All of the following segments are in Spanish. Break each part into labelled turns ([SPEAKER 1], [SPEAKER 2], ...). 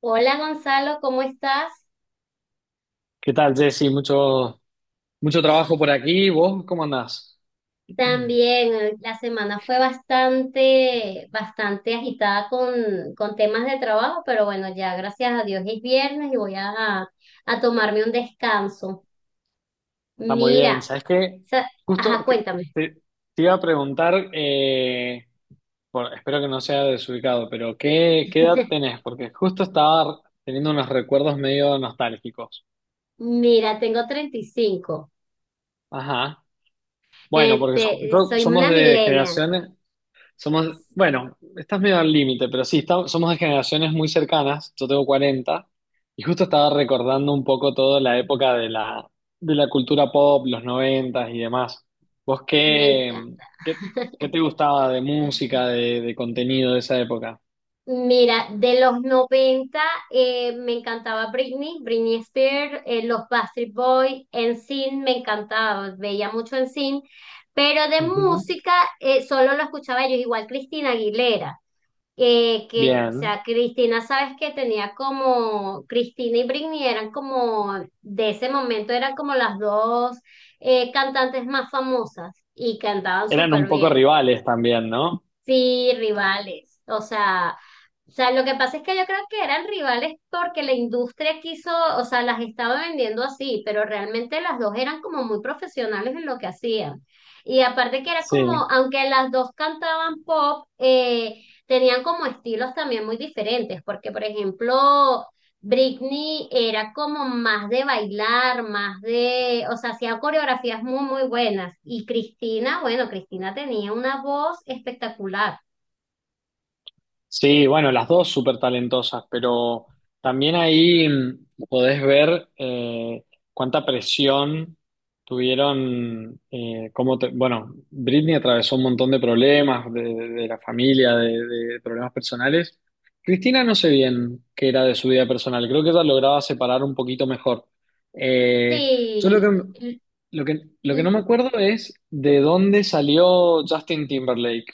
[SPEAKER 1] Hola Gonzalo, ¿cómo estás?
[SPEAKER 2] ¿Qué tal, Jesse? Mucho trabajo por aquí. ¿Vos cómo andás?
[SPEAKER 1] También la semana fue bastante agitada con temas de trabajo, pero bueno, ya gracias a Dios es viernes y voy a tomarme un descanso.
[SPEAKER 2] Está muy bien.
[SPEAKER 1] Mira,
[SPEAKER 2] ¿Sabes qué?
[SPEAKER 1] sa- ajá,
[SPEAKER 2] Justo que
[SPEAKER 1] cuéntame.
[SPEAKER 2] te, te iba a preguntar, espero que no sea desubicado, pero ¿qué edad tenés? Porque justo estaba teniendo unos recuerdos medio nostálgicos.
[SPEAKER 1] Mira, tengo 35.
[SPEAKER 2] Ajá. Bueno, porque
[SPEAKER 1] Este, soy
[SPEAKER 2] somos
[SPEAKER 1] una
[SPEAKER 2] de
[SPEAKER 1] millennial.
[SPEAKER 2] generaciones. Somos, bueno, estás medio al límite, pero sí, estamos, somos de generaciones muy cercanas. Yo tengo 40 y justo estaba recordando un poco toda la época de de la cultura pop, los noventas y demás. ¿Vos
[SPEAKER 1] Me
[SPEAKER 2] qué,
[SPEAKER 1] encanta.
[SPEAKER 2] qué, qué te gustaba de música, de contenido de esa época?
[SPEAKER 1] Mira, de los 90, me encantaba Britney Spears, los Backstreet Boys, Sin me encantaba, veía mucho Sin, pero de
[SPEAKER 2] Ujú.
[SPEAKER 1] música solo lo escuchaba ellos, igual Cristina Aguilera, que, o
[SPEAKER 2] Bien.
[SPEAKER 1] sea, Cristina, sabes que tenía como, Cristina y Britney eran como, de ese momento eran como las dos cantantes más famosas y cantaban
[SPEAKER 2] Eran un
[SPEAKER 1] súper
[SPEAKER 2] poco
[SPEAKER 1] bien.
[SPEAKER 2] rivales también, ¿no?
[SPEAKER 1] Sí, rivales. O sea, lo que pasa es que yo creo que eran rivales porque la industria quiso, o sea, las estaba vendiendo así, pero realmente las dos eran como muy profesionales en lo que hacían. Y aparte que era como,
[SPEAKER 2] Sí.
[SPEAKER 1] aunque las dos cantaban pop, tenían como estilos también muy diferentes, porque por ejemplo, Britney era como más de bailar, más de, o sea, hacía coreografías muy buenas. Y Cristina, bueno, Cristina tenía una voz espectacular.
[SPEAKER 2] Sí, bueno, las dos súper talentosas, pero también ahí podés ver cuánta presión tuvieron, bueno, Britney atravesó un montón de problemas de la familia, de problemas personales. Cristina no sé bien qué era de su vida personal, creo que ella lograba separar un poquito mejor. Eh, yo lo
[SPEAKER 1] Sí,
[SPEAKER 2] que, lo que, lo que no
[SPEAKER 1] l-
[SPEAKER 2] me acuerdo es de dónde salió Justin Timberlake.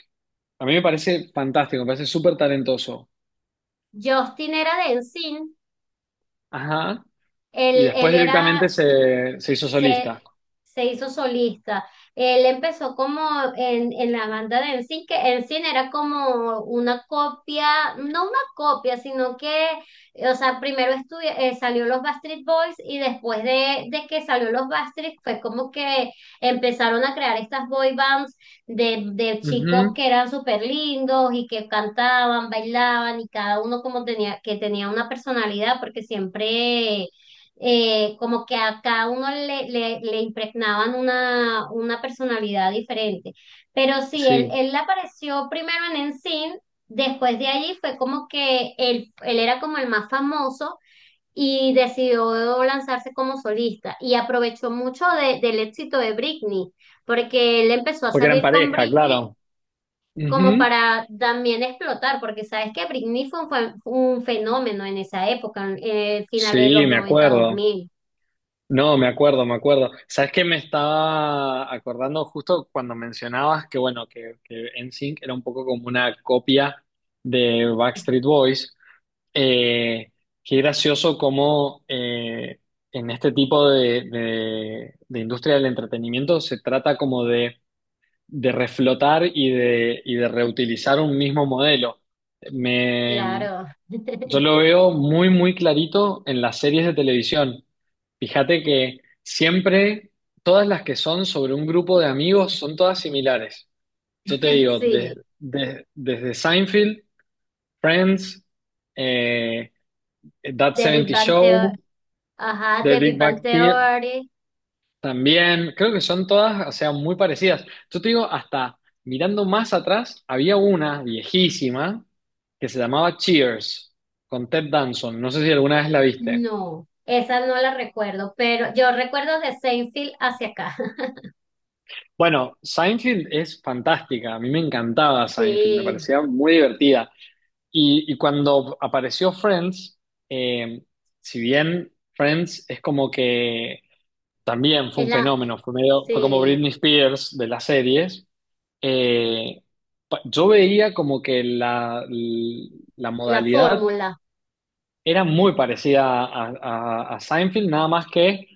[SPEAKER 2] A mí me parece fantástico, me parece súper talentoso.
[SPEAKER 1] Justin era de NSYNC,
[SPEAKER 2] Ajá. Y
[SPEAKER 1] él
[SPEAKER 2] después
[SPEAKER 1] era
[SPEAKER 2] directamente se hizo solista.
[SPEAKER 1] se, se hizo solista. Él empezó como en la banda de Ensign, que Ensign era como una copia, no una copia, sino que, o sea, salió los Backstreet Boys y después de que salió los Backstreet fue como que empezaron a crear estas boy bands de chicos
[SPEAKER 2] Ujú.
[SPEAKER 1] que eran súper lindos y que cantaban, bailaban y cada uno como tenía, que tenía una personalidad porque siempre como que a cada uno le impregnaban una personalidad diferente. Pero sí, él,
[SPEAKER 2] Sí.
[SPEAKER 1] él apareció primero en Ensign, después de allí fue como que él era como el más famoso y decidió lanzarse como solista y aprovechó mucho del éxito de Britney, porque él empezó a
[SPEAKER 2] Porque eran
[SPEAKER 1] salir con
[SPEAKER 2] pareja,
[SPEAKER 1] Britney.
[SPEAKER 2] claro.
[SPEAKER 1] Como
[SPEAKER 2] Ujú.
[SPEAKER 1] para también explotar, porque sabes que Britney fue un fenómeno en esa época, en, finales de
[SPEAKER 2] Sí,
[SPEAKER 1] los
[SPEAKER 2] me
[SPEAKER 1] noventa, dos
[SPEAKER 2] acuerdo.
[SPEAKER 1] mil.
[SPEAKER 2] No, me acuerdo, me acuerdo. ¿Sabes qué? Me estaba acordando justo cuando mencionabas que, bueno, que NSYNC era un poco como una copia de Backstreet Boys. Eh, qué gracioso cómo en este tipo de industria del entretenimiento se trata como de reflotar y de reutilizar un mismo modelo. Me,
[SPEAKER 1] Claro,
[SPEAKER 2] yo lo veo muy, muy clarito en las series de televisión. Fíjate que siempre todas las que son sobre un grupo de amigos son todas similares. Yo te digo,
[SPEAKER 1] sí.
[SPEAKER 2] desde Seinfeld, Friends, eh, That
[SPEAKER 1] The Big
[SPEAKER 2] 70
[SPEAKER 1] Bang Theory,
[SPEAKER 2] Show,
[SPEAKER 1] ajá,
[SPEAKER 2] The
[SPEAKER 1] The Big
[SPEAKER 2] Big
[SPEAKER 1] Bang
[SPEAKER 2] Bang Theory,
[SPEAKER 1] Theory,
[SPEAKER 2] también, creo que son todas, o sea, muy parecidas. Yo te digo, hasta mirando más atrás, había una viejísima que se llamaba Cheers, con Ted Danson. No sé si alguna vez la viste.
[SPEAKER 1] no, esa no la recuerdo, pero yo recuerdo de Seinfeld hacia acá.
[SPEAKER 2] Bueno, Seinfeld es fantástica, a mí me encantaba Seinfeld, me
[SPEAKER 1] Sí,
[SPEAKER 2] parecía muy divertida. Y cuando apareció Friends, eh, si bien Friends es como que también fue
[SPEAKER 1] es
[SPEAKER 2] un
[SPEAKER 1] la,
[SPEAKER 2] fenómeno, fue como Britney
[SPEAKER 1] sí,
[SPEAKER 2] Spears de las series. Eh, yo veía como que la
[SPEAKER 1] la
[SPEAKER 2] modalidad
[SPEAKER 1] fórmula.
[SPEAKER 2] era muy parecida a, a Seinfeld, nada más que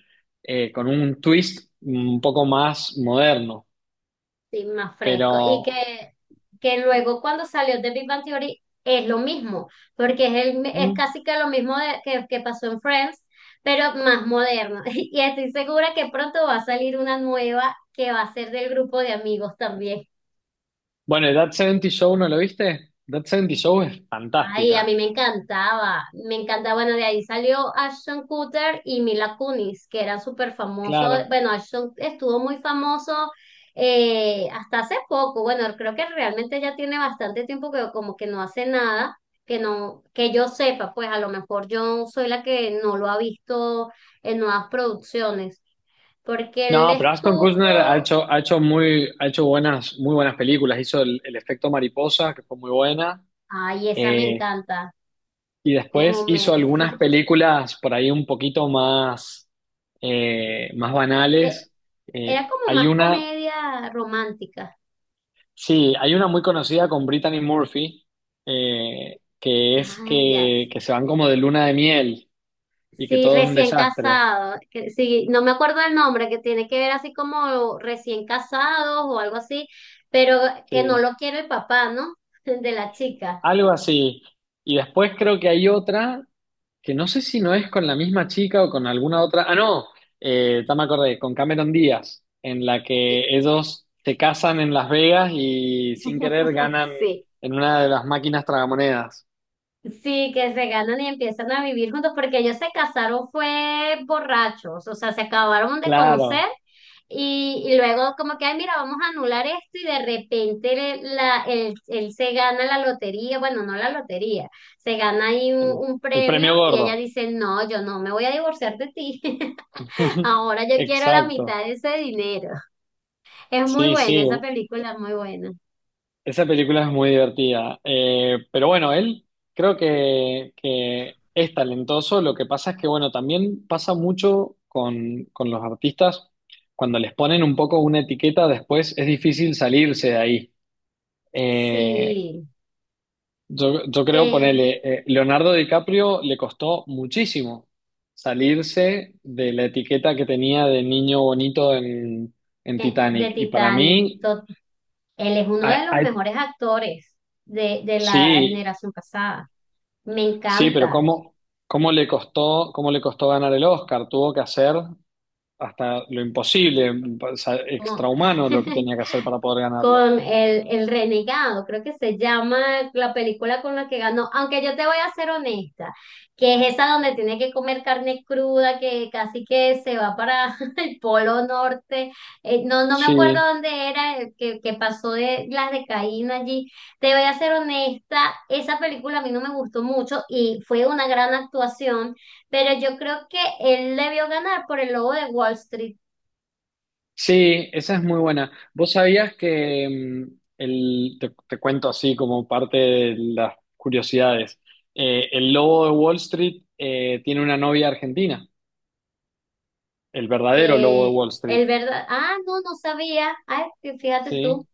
[SPEAKER 2] con un twist un poco más moderno.
[SPEAKER 1] Sí, más fresco. Y
[SPEAKER 2] Pero,
[SPEAKER 1] que luego cuando salió The Big Bang Theory es lo mismo, porque es, el, es
[SPEAKER 2] mm,
[SPEAKER 1] casi que lo mismo que pasó en Friends, pero más moderno. Y estoy segura que pronto va a salir una nueva que va a ser del grupo de amigos también.
[SPEAKER 2] bueno, That 70 Show, ¿no lo viste? That 70 Show es
[SPEAKER 1] Ay, a
[SPEAKER 2] fantástica,
[SPEAKER 1] mí me encantaba, me encanta, bueno, de ahí salió Ashton Kutcher y Mila Kunis, que era súper famoso,
[SPEAKER 2] claro.
[SPEAKER 1] bueno, Ashton estuvo muy famoso hasta hace poco, bueno, creo que realmente ya tiene bastante tiempo que como que no hace nada, que no, que yo sepa, pues a lo mejor yo soy la que no lo ha visto en nuevas producciones, porque él
[SPEAKER 2] No, pero Ashton Kutcher
[SPEAKER 1] estuvo,
[SPEAKER 2] ha hecho muy, ha hecho buenas, muy buenas películas. Hizo el efecto mariposa, que fue muy buena.
[SPEAKER 1] ay, esa me
[SPEAKER 2] eh,
[SPEAKER 1] encanta,
[SPEAKER 2] y después
[SPEAKER 1] como
[SPEAKER 2] hizo
[SPEAKER 1] me,
[SPEAKER 2] algunas películas por ahí un poquito más, más
[SPEAKER 1] eh,
[SPEAKER 2] banales. Eh,
[SPEAKER 1] era como
[SPEAKER 2] hay
[SPEAKER 1] más
[SPEAKER 2] una,
[SPEAKER 1] comedia romántica.
[SPEAKER 2] sí, hay una muy conocida con Brittany Murphy,
[SPEAKER 1] Ah, ya.
[SPEAKER 2] que se van como de luna de miel y que
[SPEAKER 1] Sí,
[SPEAKER 2] todo es un
[SPEAKER 1] recién
[SPEAKER 2] desastre.
[SPEAKER 1] casado. Que sí, no me acuerdo el nombre, que tiene que ver así como recién casados o algo así, pero que no
[SPEAKER 2] Sí,
[SPEAKER 1] lo quiere el papá, ¿no? De la chica.
[SPEAKER 2] algo así. Y después creo que hay otra que no sé si no es con la misma chica o con alguna otra. Ah, no, ya me acordé, con Cameron Díaz, en la que ellos se casan en Las Vegas y sin querer ganan
[SPEAKER 1] Sí,
[SPEAKER 2] en una de las máquinas tragamonedas.
[SPEAKER 1] sí, que se ganan y empiezan a vivir juntos, porque ellos se casaron fue borrachos, o sea, se acabaron de conocer
[SPEAKER 2] Claro,
[SPEAKER 1] y luego como que, ay, mira, vamos a anular esto y de repente él se gana la lotería, bueno, no la lotería, se gana ahí un,
[SPEAKER 2] el,
[SPEAKER 1] un
[SPEAKER 2] el
[SPEAKER 1] premio
[SPEAKER 2] premio
[SPEAKER 1] y ella
[SPEAKER 2] gordo.
[SPEAKER 1] dice, no, yo no me voy a divorciar de ti, ahora yo quiero la
[SPEAKER 2] Exacto.
[SPEAKER 1] mitad de ese dinero. Es muy
[SPEAKER 2] Sí,
[SPEAKER 1] buena,
[SPEAKER 2] sí,
[SPEAKER 1] esa película es muy buena.
[SPEAKER 2] esa película es muy divertida. Pero bueno, él creo que es talentoso. Lo que pasa es que, bueno, también pasa mucho con los artistas. Cuando les ponen un poco una etiqueta, después es difícil salirse de ahí. Eh,
[SPEAKER 1] Sí.
[SPEAKER 2] yo creo
[SPEAKER 1] Eh,
[SPEAKER 2] ponerle, Leonardo DiCaprio le costó muchísimo salirse de la etiqueta que tenía de niño bonito en
[SPEAKER 1] de
[SPEAKER 2] Titanic. Y para
[SPEAKER 1] Titanic.
[SPEAKER 2] mí,
[SPEAKER 1] Él es uno
[SPEAKER 2] hay-
[SPEAKER 1] de los
[SPEAKER 2] hay-
[SPEAKER 1] mejores actores de la
[SPEAKER 2] sí.
[SPEAKER 1] generación pasada. Me
[SPEAKER 2] Sí, pero
[SPEAKER 1] encanta.
[SPEAKER 2] cómo le costó ganar el Oscar? Tuvo que hacer hasta lo imposible, o sea,
[SPEAKER 1] Como,
[SPEAKER 2] extrahumano lo que tenía que hacer para poder ganarlo.
[SPEAKER 1] con el renegado, creo que se llama la película con la que ganó, aunque yo te voy a ser honesta, que es esa donde tiene que comer carne cruda, que casi que se va para el polo norte. No, no me acuerdo
[SPEAKER 2] Sí,
[SPEAKER 1] dónde era, que pasó de las de Caín allí, te voy a ser honesta, esa película a mí no me gustó mucho y fue una gran actuación, pero yo creo que él debió ganar por el lobo de Wall Street.
[SPEAKER 2] sí, esa es muy buena. ¿Vos sabías que te cuento así como parte de las curiosidades? El lobo de Wall Street tiene una novia argentina, el verdadero lobo de
[SPEAKER 1] Eh,
[SPEAKER 2] Wall Street,
[SPEAKER 1] ah, no, no sabía. Ay, fíjate tú.
[SPEAKER 2] ¿sí?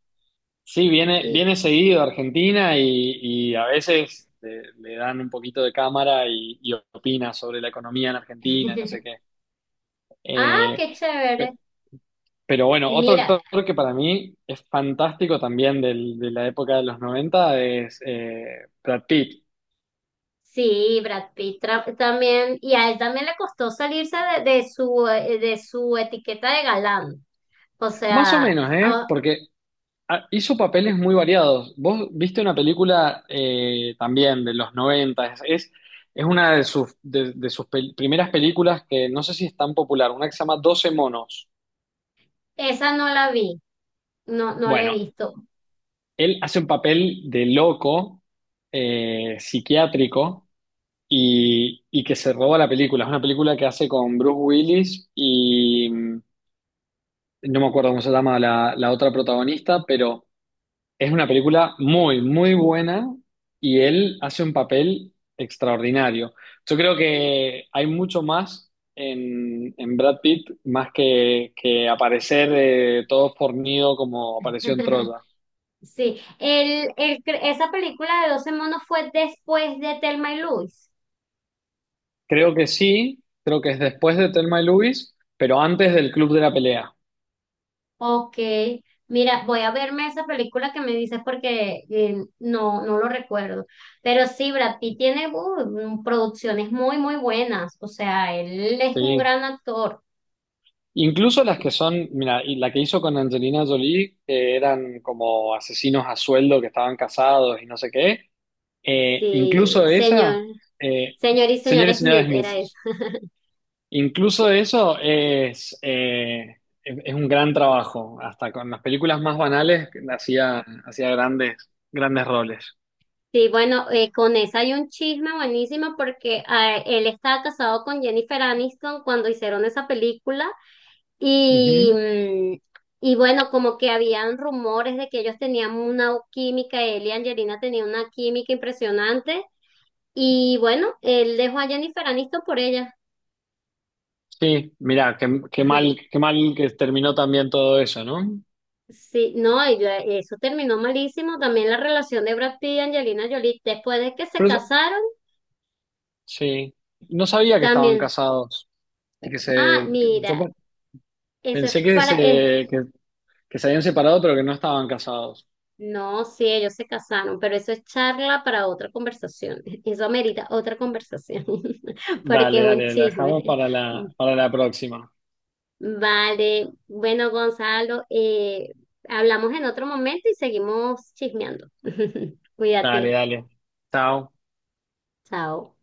[SPEAKER 2] Sí, viene,
[SPEAKER 1] Y-
[SPEAKER 2] viene seguido a Argentina y a veces le, le dan un poquito de cámara y opina sobre la economía en Argentina, no sé qué.
[SPEAKER 1] Ah,
[SPEAKER 2] Eh,
[SPEAKER 1] qué chévere.
[SPEAKER 2] pe- pero bueno, otro
[SPEAKER 1] Mira,
[SPEAKER 2] actor que para mí es fantástico también de la época de los 90 es Brad Pitt.
[SPEAKER 1] sí, también, y a él también le costó salirse de su, de su etiqueta de galán. O
[SPEAKER 2] Más o
[SPEAKER 1] sea,
[SPEAKER 2] menos, ¿eh?
[SPEAKER 1] ah,
[SPEAKER 2] Porque ah, hizo papeles muy variados. Vos viste una película también de los 90 es es una de sus, de sus primeras películas que no sé si es tan popular, una que se llama Doce monos.
[SPEAKER 1] esa no la vi, no, no la he
[SPEAKER 2] Bueno,
[SPEAKER 1] visto.
[SPEAKER 2] él hace un papel de loco psiquiátrico y que se roba la película. Es una película que hace con Bruce Willis y no me acuerdo cómo se llama la otra protagonista, pero... Es una película muy, muy buena y él hace un papel extraordinario. Yo creo que hay mucho más en Brad Pitt, más que aparecer todo fornido como apareció en Troya.
[SPEAKER 1] Sí, esa película de Doce monos fue después de Thelma y Luis.
[SPEAKER 2] Creo que sí, creo que es después de Thelma y Louise, pero antes del Club de la Pelea.
[SPEAKER 1] Ok, mira, voy a verme esa película que me dices porque no, no lo recuerdo. Pero sí, Brad Pitt tiene producciones muy buenas. O sea, él es un
[SPEAKER 2] Sí.
[SPEAKER 1] gran actor.
[SPEAKER 2] Incluso las que son, mira, y la que hizo con Angelina Jolie, que eran como asesinos a sueldo que estaban casados y no sé qué. Eh, incluso
[SPEAKER 1] Sí,
[SPEAKER 2] esa, eh,
[SPEAKER 1] señor y señor
[SPEAKER 2] señor y señoras
[SPEAKER 1] Smith
[SPEAKER 2] Smith,
[SPEAKER 1] era esa.
[SPEAKER 2] incluso eso es, es un gran trabajo. Hasta con las películas más banales hacía, hacía grandes, grandes roles.
[SPEAKER 1] Sí, bueno, con esa hay un chisme buenísimo porque ah, él estaba casado con Jennifer Aniston cuando hicieron esa película. Y,
[SPEAKER 2] Ujú.
[SPEAKER 1] mm, y bueno, como que habían rumores de que ellos tenían una química, él y Angelina tenían una química impresionante. Y bueno, él dejó a Jennifer Aniston por ella.
[SPEAKER 2] Sí, mira, qué, qué mal que terminó también todo eso, ¿no?
[SPEAKER 1] Sí, no, y yo- eso terminó malísimo. También la relación de Brad Pitt y Angelina Jolie, después de que se
[SPEAKER 2] Pero eso-
[SPEAKER 1] casaron,
[SPEAKER 2] sí, no sabía que estaban
[SPEAKER 1] también.
[SPEAKER 2] casados y
[SPEAKER 1] Ah, mira, eso es
[SPEAKER 2] pensé que
[SPEAKER 1] para, es
[SPEAKER 2] que, que se habían separado, pero que no estaban casados.
[SPEAKER 1] no, sí, ellos se casaron, pero eso es charla para otra conversación. Eso amerita otra conversación, porque
[SPEAKER 2] Dale,
[SPEAKER 1] es un
[SPEAKER 2] dale, la dejamos
[SPEAKER 1] chisme.
[SPEAKER 2] para la próxima.
[SPEAKER 1] Vale, bueno, Gonzalo, hablamos en otro momento y seguimos chismeando.
[SPEAKER 2] Dale,
[SPEAKER 1] Cuídate,
[SPEAKER 2] dale. Chao.
[SPEAKER 1] chao.